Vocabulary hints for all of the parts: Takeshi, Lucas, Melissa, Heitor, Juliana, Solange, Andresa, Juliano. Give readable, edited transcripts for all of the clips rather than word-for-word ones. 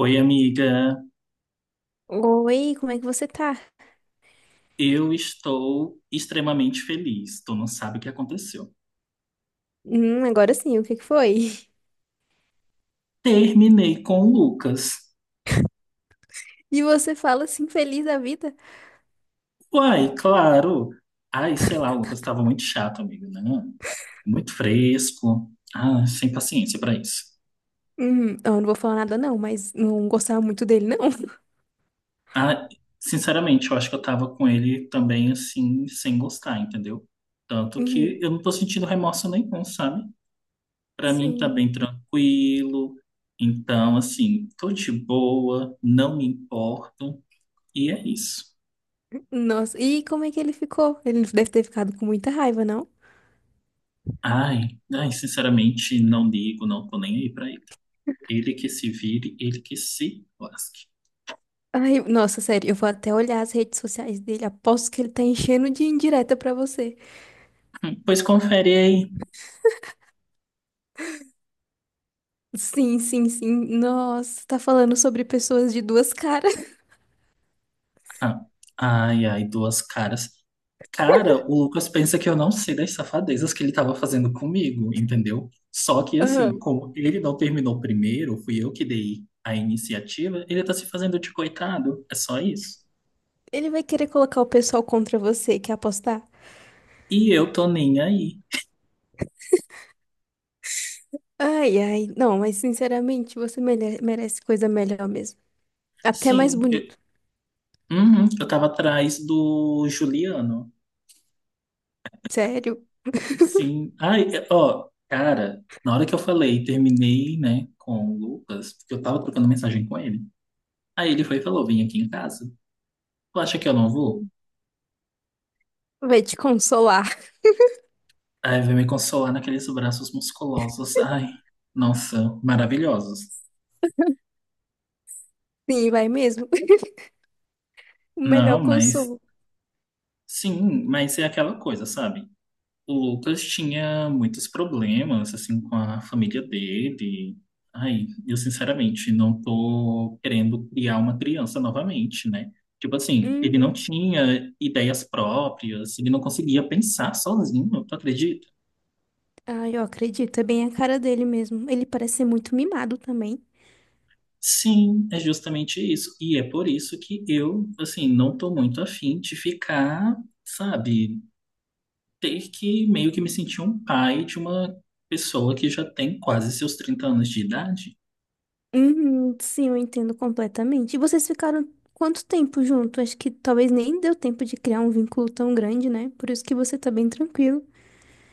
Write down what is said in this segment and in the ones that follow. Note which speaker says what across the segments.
Speaker 1: Oi, amiga.
Speaker 2: Oi, como é que você tá?
Speaker 1: Eu estou extremamente feliz. Tu não sabe o que aconteceu.
Speaker 2: Agora sim, o que que foi?
Speaker 1: Terminei com o Lucas.
Speaker 2: E você fala assim, feliz da vida?
Speaker 1: Uai, claro. Ai, sei lá, o Lucas estava muito chato, amiga, né? Muito fresco. Ah, sem paciência para isso.
Speaker 2: Eu não vou falar nada não, mas não gostava muito dele, não.
Speaker 1: Ah, sinceramente, eu acho que eu tava com ele também assim, sem gostar, entendeu? Tanto que
Speaker 2: Uhum,
Speaker 1: eu não tô sentindo remorso nenhum, sabe? Pra mim tá
Speaker 2: sim.
Speaker 1: bem tranquilo. Então, assim, tô de boa, não me importo. E é isso.
Speaker 2: Nossa, e como é que ele ficou? Ele deve ter ficado com muita raiva, não?
Speaker 1: Ai, ai, sinceramente, não ligo, não tô nem aí pra ele. Ele que se vire, ele que se lasque.
Speaker 2: Ai, nossa, sério, eu vou até olhar as redes sociais dele. Aposto que ele tá enchendo de indireta pra você.
Speaker 1: Pois confere aí.
Speaker 2: Sim, sim, sim. Nossa, tá falando sobre pessoas de duas caras.
Speaker 1: Ah, ai, ai, duas caras. Cara, o Lucas pensa que eu não sei das safadezas que ele tava fazendo comigo, entendeu? Só que assim,
Speaker 2: Aham.
Speaker 1: como ele não terminou primeiro, fui eu que dei a iniciativa, ele tá se fazendo de coitado. É só isso.
Speaker 2: Ele vai querer colocar o pessoal contra você, quer apostar?
Speaker 1: E eu tô nem aí.
Speaker 2: Ai, ai, não, mas sinceramente, você merece coisa melhor mesmo. Até mais
Speaker 1: Sim, eu,
Speaker 2: bonito.
Speaker 1: uhum, eu tava atrás do Juliano.
Speaker 2: Sério.
Speaker 1: Sim. Ai, ó, cara, na hora que eu falei, terminei, né, com o Lucas, porque eu tava trocando mensagem com ele. Aí ele foi e falou: vim aqui em casa. Tu acha que eu não vou?
Speaker 2: Hum. Vai te consolar.
Speaker 1: Aí veio me consolar naqueles braços musculosos. Ai, nossa, maravilhosos.
Speaker 2: Sim, vai mesmo. O melhor
Speaker 1: Não, mas
Speaker 2: consolo.
Speaker 1: sim, mas é aquela coisa, sabe? O Lucas tinha muitos problemas, assim, com a família dele. Ai, eu sinceramente não tô querendo criar uma criança novamente, né? Tipo assim, ele não
Speaker 2: Uhum.
Speaker 1: tinha ideias próprias, ele não conseguia pensar sozinho, tu acredita?
Speaker 2: Ai, eu acredito, é bem a cara dele mesmo. Ele parece ser muito mimado também.
Speaker 1: Sim, é justamente isso. E é por isso que eu, assim, não tô muito afim de ficar, sabe, ter que meio que me sentir um pai de uma pessoa que já tem quase seus 30 anos de idade.
Speaker 2: Uhum, sim, eu entendo completamente. E vocês ficaram quanto tempo junto? Acho que talvez nem deu tempo de criar um vínculo tão grande, né? Por isso que você tá bem tranquilo.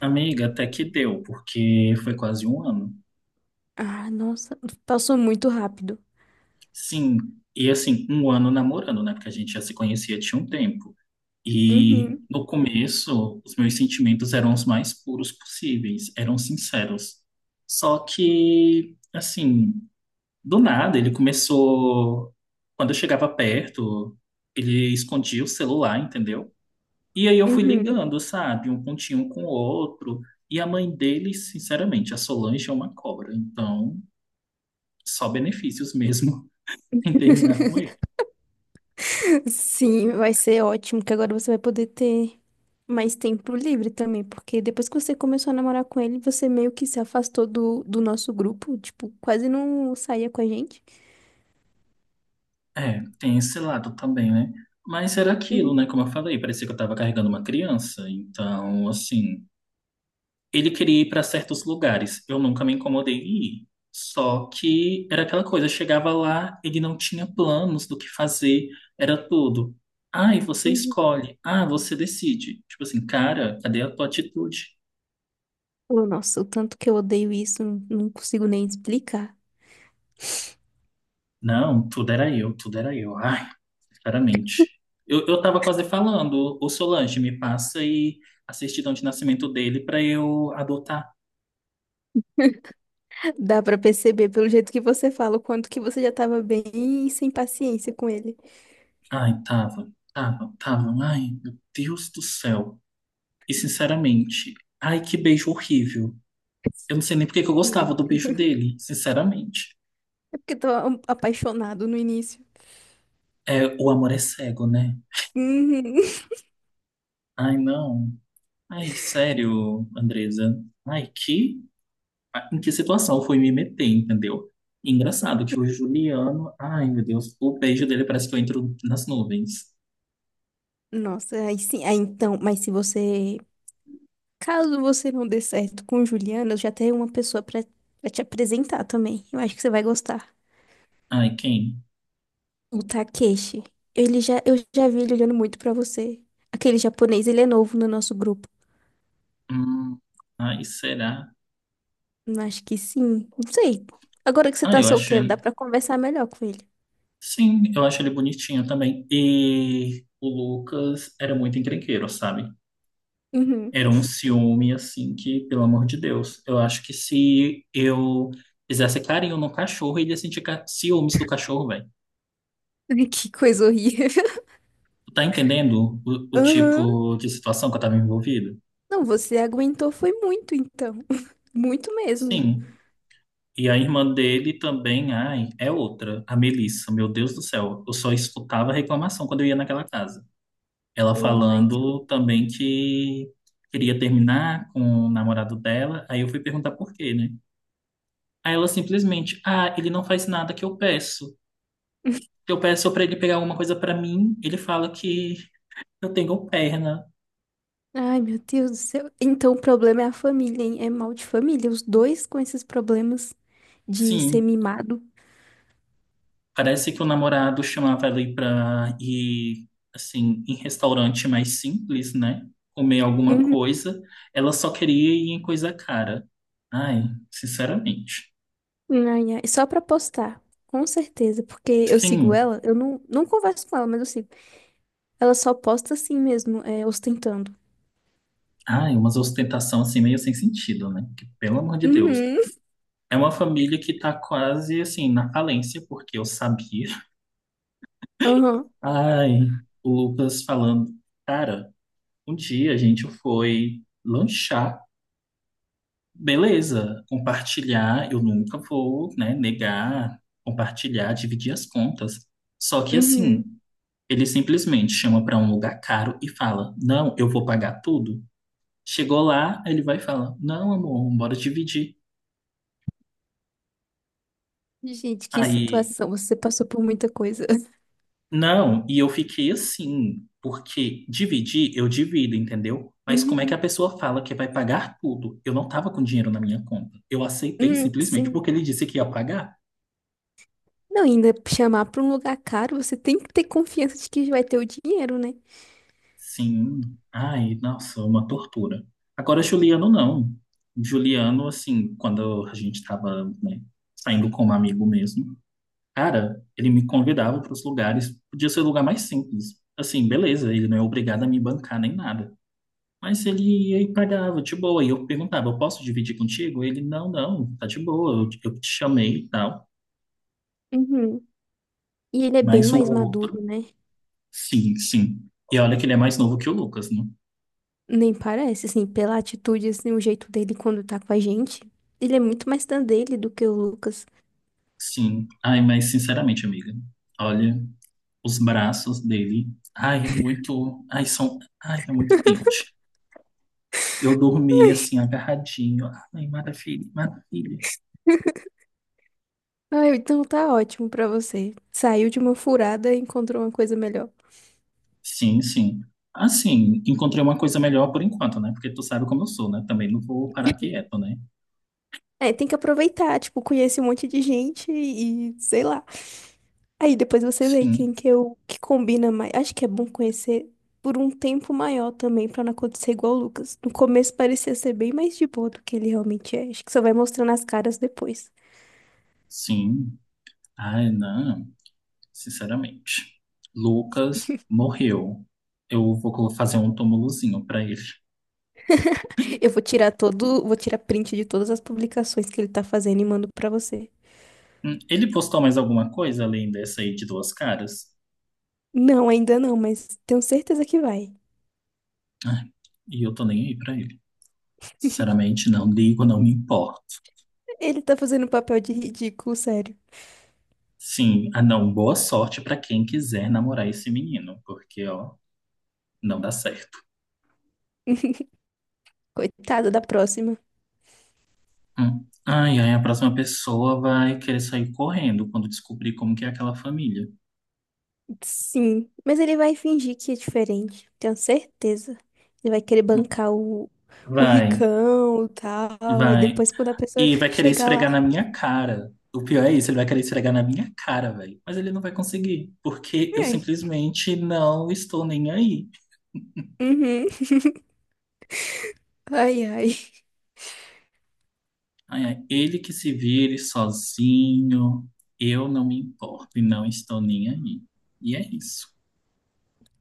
Speaker 1: Amiga, até que deu, porque foi quase um ano.
Speaker 2: Ah, nossa, passou muito rápido.
Speaker 1: Sim, e assim, um ano namorando, né? Porque a gente já se conhecia tinha um tempo. E
Speaker 2: Uhum,
Speaker 1: no começo, os meus sentimentos eram os mais puros possíveis, eram sinceros. Só que, assim, do nada, ele começou. Quando eu chegava perto, ele escondia o celular, entendeu? E aí eu fui
Speaker 2: uhum.
Speaker 1: ligando, sabe? Um pontinho com o outro. E a mãe dele, sinceramente, a Solange é uma cobra, então. Só benefícios mesmo em terminar com ele.
Speaker 2: Sim, vai ser ótimo, que agora você vai poder ter mais tempo livre também, porque depois que você começou a namorar com ele, você meio que se afastou do nosso grupo, tipo, quase não saía com a gente.
Speaker 1: É, tem esse lado também, né? Mas era aquilo,
Speaker 2: Uhum,
Speaker 1: né? Como eu falei, parecia que eu tava carregando uma criança. Então, assim, ele queria ir para certos lugares. Eu nunca me incomodei em ir. Só que era aquela coisa, eu chegava lá, ele não tinha planos do que fazer, era tudo. Ai, você
Speaker 2: uhum.
Speaker 1: escolhe. Ah, você decide. Tipo assim, cara, cadê a tua atitude?
Speaker 2: Oh, nossa, o tanto que eu odeio isso, não consigo nem explicar.
Speaker 1: Não, tudo era eu, tudo era eu. Ah, claramente. Eu tava quase falando, o Solange me passa e a certidão de nascimento dele para eu adotar.
Speaker 2: Dá pra perceber pelo jeito que você fala, o quanto que você já tava bem sem paciência com ele.
Speaker 1: Ai, tava, tava, tava. Ai, meu Deus do céu. E sinceramente, ai, que beijo horrível. Eu não sei nem porque que eu
Speaker 2: Meu
Speaker 1: gostava do beijo
Speaker 2: Deus.
Speaker 1: dele, sinceramente.
Speaker 2: É porque eu tava apaixonado no início.
Speaker 1: É, o amor é cego, né?
Speaker 2: Uhum.
Speaker 1: Ai, não. Ai, sério, Andresa. Ai, que em que situação eu fui me meter, entendeu? Engraçado que o Juliano, ai meu Deus, o beijo dele parece que eu entro nas nuvens.
Speaker 2: Nossa, aí sim, aí então, mas se você caso você não dê certo com Juliana, eu já tenho uma pessoa pra te apresentar também. Eu acho que você vai gostar.
Speaker 1: Ai, quem?
Speaker 2: O Takeshi. Eu já vi ele olhando muito pra você. Aquele japonês, ele é novo no nosso grupo.
Speaker 1: Hum, ai, será?
Speaker 2: Eu acho que sim. Não sei. Agora que você
Speaker 1: Ah,
Speaker 2: tá
Speaker 1: eu acho,
Speaker 2: solteiro, dá pra conversar melhor com ele.
Speaker 1: sim, eu acho ele bonitinho também. E o Lucas era muito encrenqueiro, sabe?
Speaker 2: Uhum.
Speaker 1: Era um ciúme, assim, que, pelo amor de Deus, eu acho que se eu fizesse carinho no cachorro, ele ia sentir ciúmes do cachorro, velho.
Speaker 2: Que coisa horrível.
Speaker 1: Tu tá entendendo o
Speaker 2: Aham.
Speaker 1: tipo de situação que eu tava envolvido?
Speaker 2: Não, você aguentou foi muito, então. Muito mesmo.
Speaker 1: Sim. E a irmã dele também, ai, é outra, a Melissa, meu Deus do céu. Eu só escutava reclamação quando eu ia naquela casa. Ela
Speaker 2: Ai, que-
Speaker 1: falando também que queria terminar com o namorado dela. Aí eu fui perguntar por quê, né? Aí ela simplesmente, ah, ele não faz nada que eu peço. Que eu peço pra ele pegar alguma coisa pra mim, ele fala que eu tenho perna.
Speaker 2: Ai, meu Deus do céu. Então o problema é a família, hein? É mal de família. Os dois com esses problemas de ser
Speaker 1: Sim,
Speaker 2: mimado.
Speaker 1: parece que o namorado chamava ela aí pra ir, assim, em restaurante mais simples, né? Comer alguma
Speaker 2: Uhum.
Speaker 1: coisa. Ela só queria ir em coisa cara. Ai, sinceramente.
Speaker 2: Ai, ai. Só pra postar. Com certeza, porque eu sigo
Speaker 1: Sim,
Speaker 2: ela, eu não, não converso com ela, mas eu sigo. Ela só posta assim mesmo, é, ostentando.
Speaker 1: ai, umas ostentação assim meio sem sentido, né? Que, pelo amor de Deus.
Speaker 2: Uhum.
Speaker 1: É uma família que tá quase, assim, na falência, porque eu sabia.
Speaker 2: Aham.
Speaker 1: Ai, o Lucas falando, cara, um dia a gente foi lanchar. Beleza, compartilhar, eu nunca vou, né, negar, compartilhar, dividir as contas. Só que assim,
Speaker 2: Uhum.
Speaker 1: ele simplesmente chama para um lugar caro e fala: não, eu vou pagar tudo. Chegou lá, ele vai falar: não, amor, bora dividir.
Speaker 2: Gente, que
Speaker 1: Aí,
Speaker 2: situação. Você passou por muita coisa.
Speaker 1: não, e eu fiquei assim, porque dividir, eu divido, entendeu? Mas como é que a
Speaker 2: Uhum.
Speaker 1: pessoa fala que vai pagar tudo? Eu não tava com dinheiro na minha conta. Eu aceitei simplesmente
Speaker 2: Sim.
Speaker 1: porque ele disse que ia pagar.
Speaker 2: Não, ainda chamar pra um lugar caro, você tem que ter confiança de que vai ter o dinheiro, né?
Speaker 1: Sim. Ai, nossa, uma tortura. Agora, Juliano, não. Juliano, assim, quando a gente tava, né, saindo com um amigo mesmo, cara, ele me convidava para os lugares, podia ser o lugar mais simples. Assim, beleza, ele não é obrigado a me bancar nem nada. Mas ele ia e pagava, de boa. E eu perguntava, eu posso dividir contigo? Ele, não, não, tá de boa, eu te chamei e tal.
Speaker 2: Uhum. E ele é bem
Speaker 1: Mas o
Speaker 2: mais
Speaker 1: outro,
Speaker 2: maduro, né?
Speaker 1: sim, sim. E olha que ele é mais novo que o Lucas, né?
Speaker 2: Nem parece, assim, pela atitude, assim, o jeito dele quando tá com a gente. Ele é muito mais da dele do que o Lucas.
Speaker 1: Sim. Ai, mas sinceramente, amiga, olha. Os braços dele. Ai, muito. Ai, são. Ai, é muito quente. Eu dormi assim, agarradinho. Ai, maravilha, maravilha.
Speaker 2: Ah, então tá ótimo pra você. Saiu de uma furada e encontrou uma coisa melhor.
Speaker 1: Sim, sim. Assim, encontrei uma coisa melhor por enquanto, né? Porque tu sabe como eu sou, né? Também não vou parar quieto, né?
Speaker 2: É, tem que aproveitar, tipo, conhece um monte de gente e sei lá. Aí depois você vê quem
Speaker 1: Sim,
Speaker 2: que eu que combina mais. Acho que é bom conhecer por um tempo maior também, pra não acontecer igual o Lucas. No começo parecia ser bem mais de boa do que ele realmente é. Acho que só vai mostrando as caras depois.
Speaker 1: sim. Ai, não. Sinceramente. Lucas morreu. Eu vou fazer um túmulozinho pra ele.
Speaker 2: Eu vou tirar todo, vou tirar print de todas as publicações que ele tá fazendo e mando pra você.
Speaker 1: Ele postou mais alguma coisa além dessa aí de duas caras?
Speaker 2: Não, ainda não, mas tenho certeza que vai.
Speaker 1: Ah, e eu tô nem aí pra ele. Sinceramente, não ligo, não me importo.
Speaker 2: Ele tá fazendo papel de ridículo, sério.
Speaker 1: Sim, ah não, boa sorte pra quem quiser namorar esse menino, porque ó, não dá certo.
Speaker 2: Coitado da próxima.
Speaker 1: Hum. Ai, ai, a próxima pessoa vai querer sair correndo quando descobrir como que é aquela família.
Speaker 2: Sim, mas ele vai fingir que é diferente, tenho certeza. Ele vai querer
Speaker 1: Hum.
Speaker 2: bancar o
Speaker 1: Vai,
Speaker 2: ricão e tal, aí
Speaker 1: vai.
Speaker 2: depois quando a pessoa
Speaker 1: E vai querer
Speaker 2: chegar
Speaker 1: esfregar
Speaker 2: lá,
Speaker 1: na minha cara. O pior é isso, ele vai querer esfregar na minha cara, velho. Mas ele não vai conseguir, porque eu
Speaker 2: ai,
Speaker 1: simplesmente não estou nem aí.
Speaker 2: uhum. Ai, ai.
Speaker 1: Ai, ai, ele que se vire sozinho, eu não me importo e não estou nem aí. E é isso.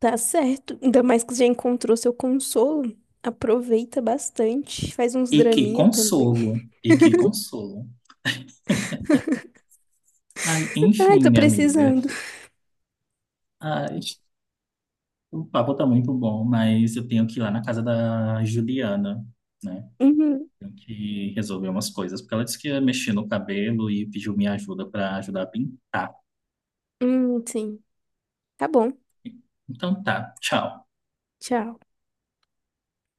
Speaker 2: Tá certo. Ainda mais que você já encontrou seu consolo. Aproveita bastante. Faz uns
Speaker 1: E que
Speaker 2: draminha também.
Speaker 1: consolo, e que consolo. Ai,
Speaker 2: Ai, tô
Speaker 1: enfim, amiga.
Speaker 2: precisando.
Speaker 1: Ai, o papo tá muito bom, mas eu tenho que ir lá na casa da Juliana, né?
Speaker 2: Uhum.
Speaker 1: Tenho que resolver umas coisas, porque ela disse que ia mexer no cabelo e pediu minha ajuda para ajudar a pintar.
Speaker 2: Sim. Tá bom.
Speaker 1: Então tá, tchau.
Speaker 2: Tchau.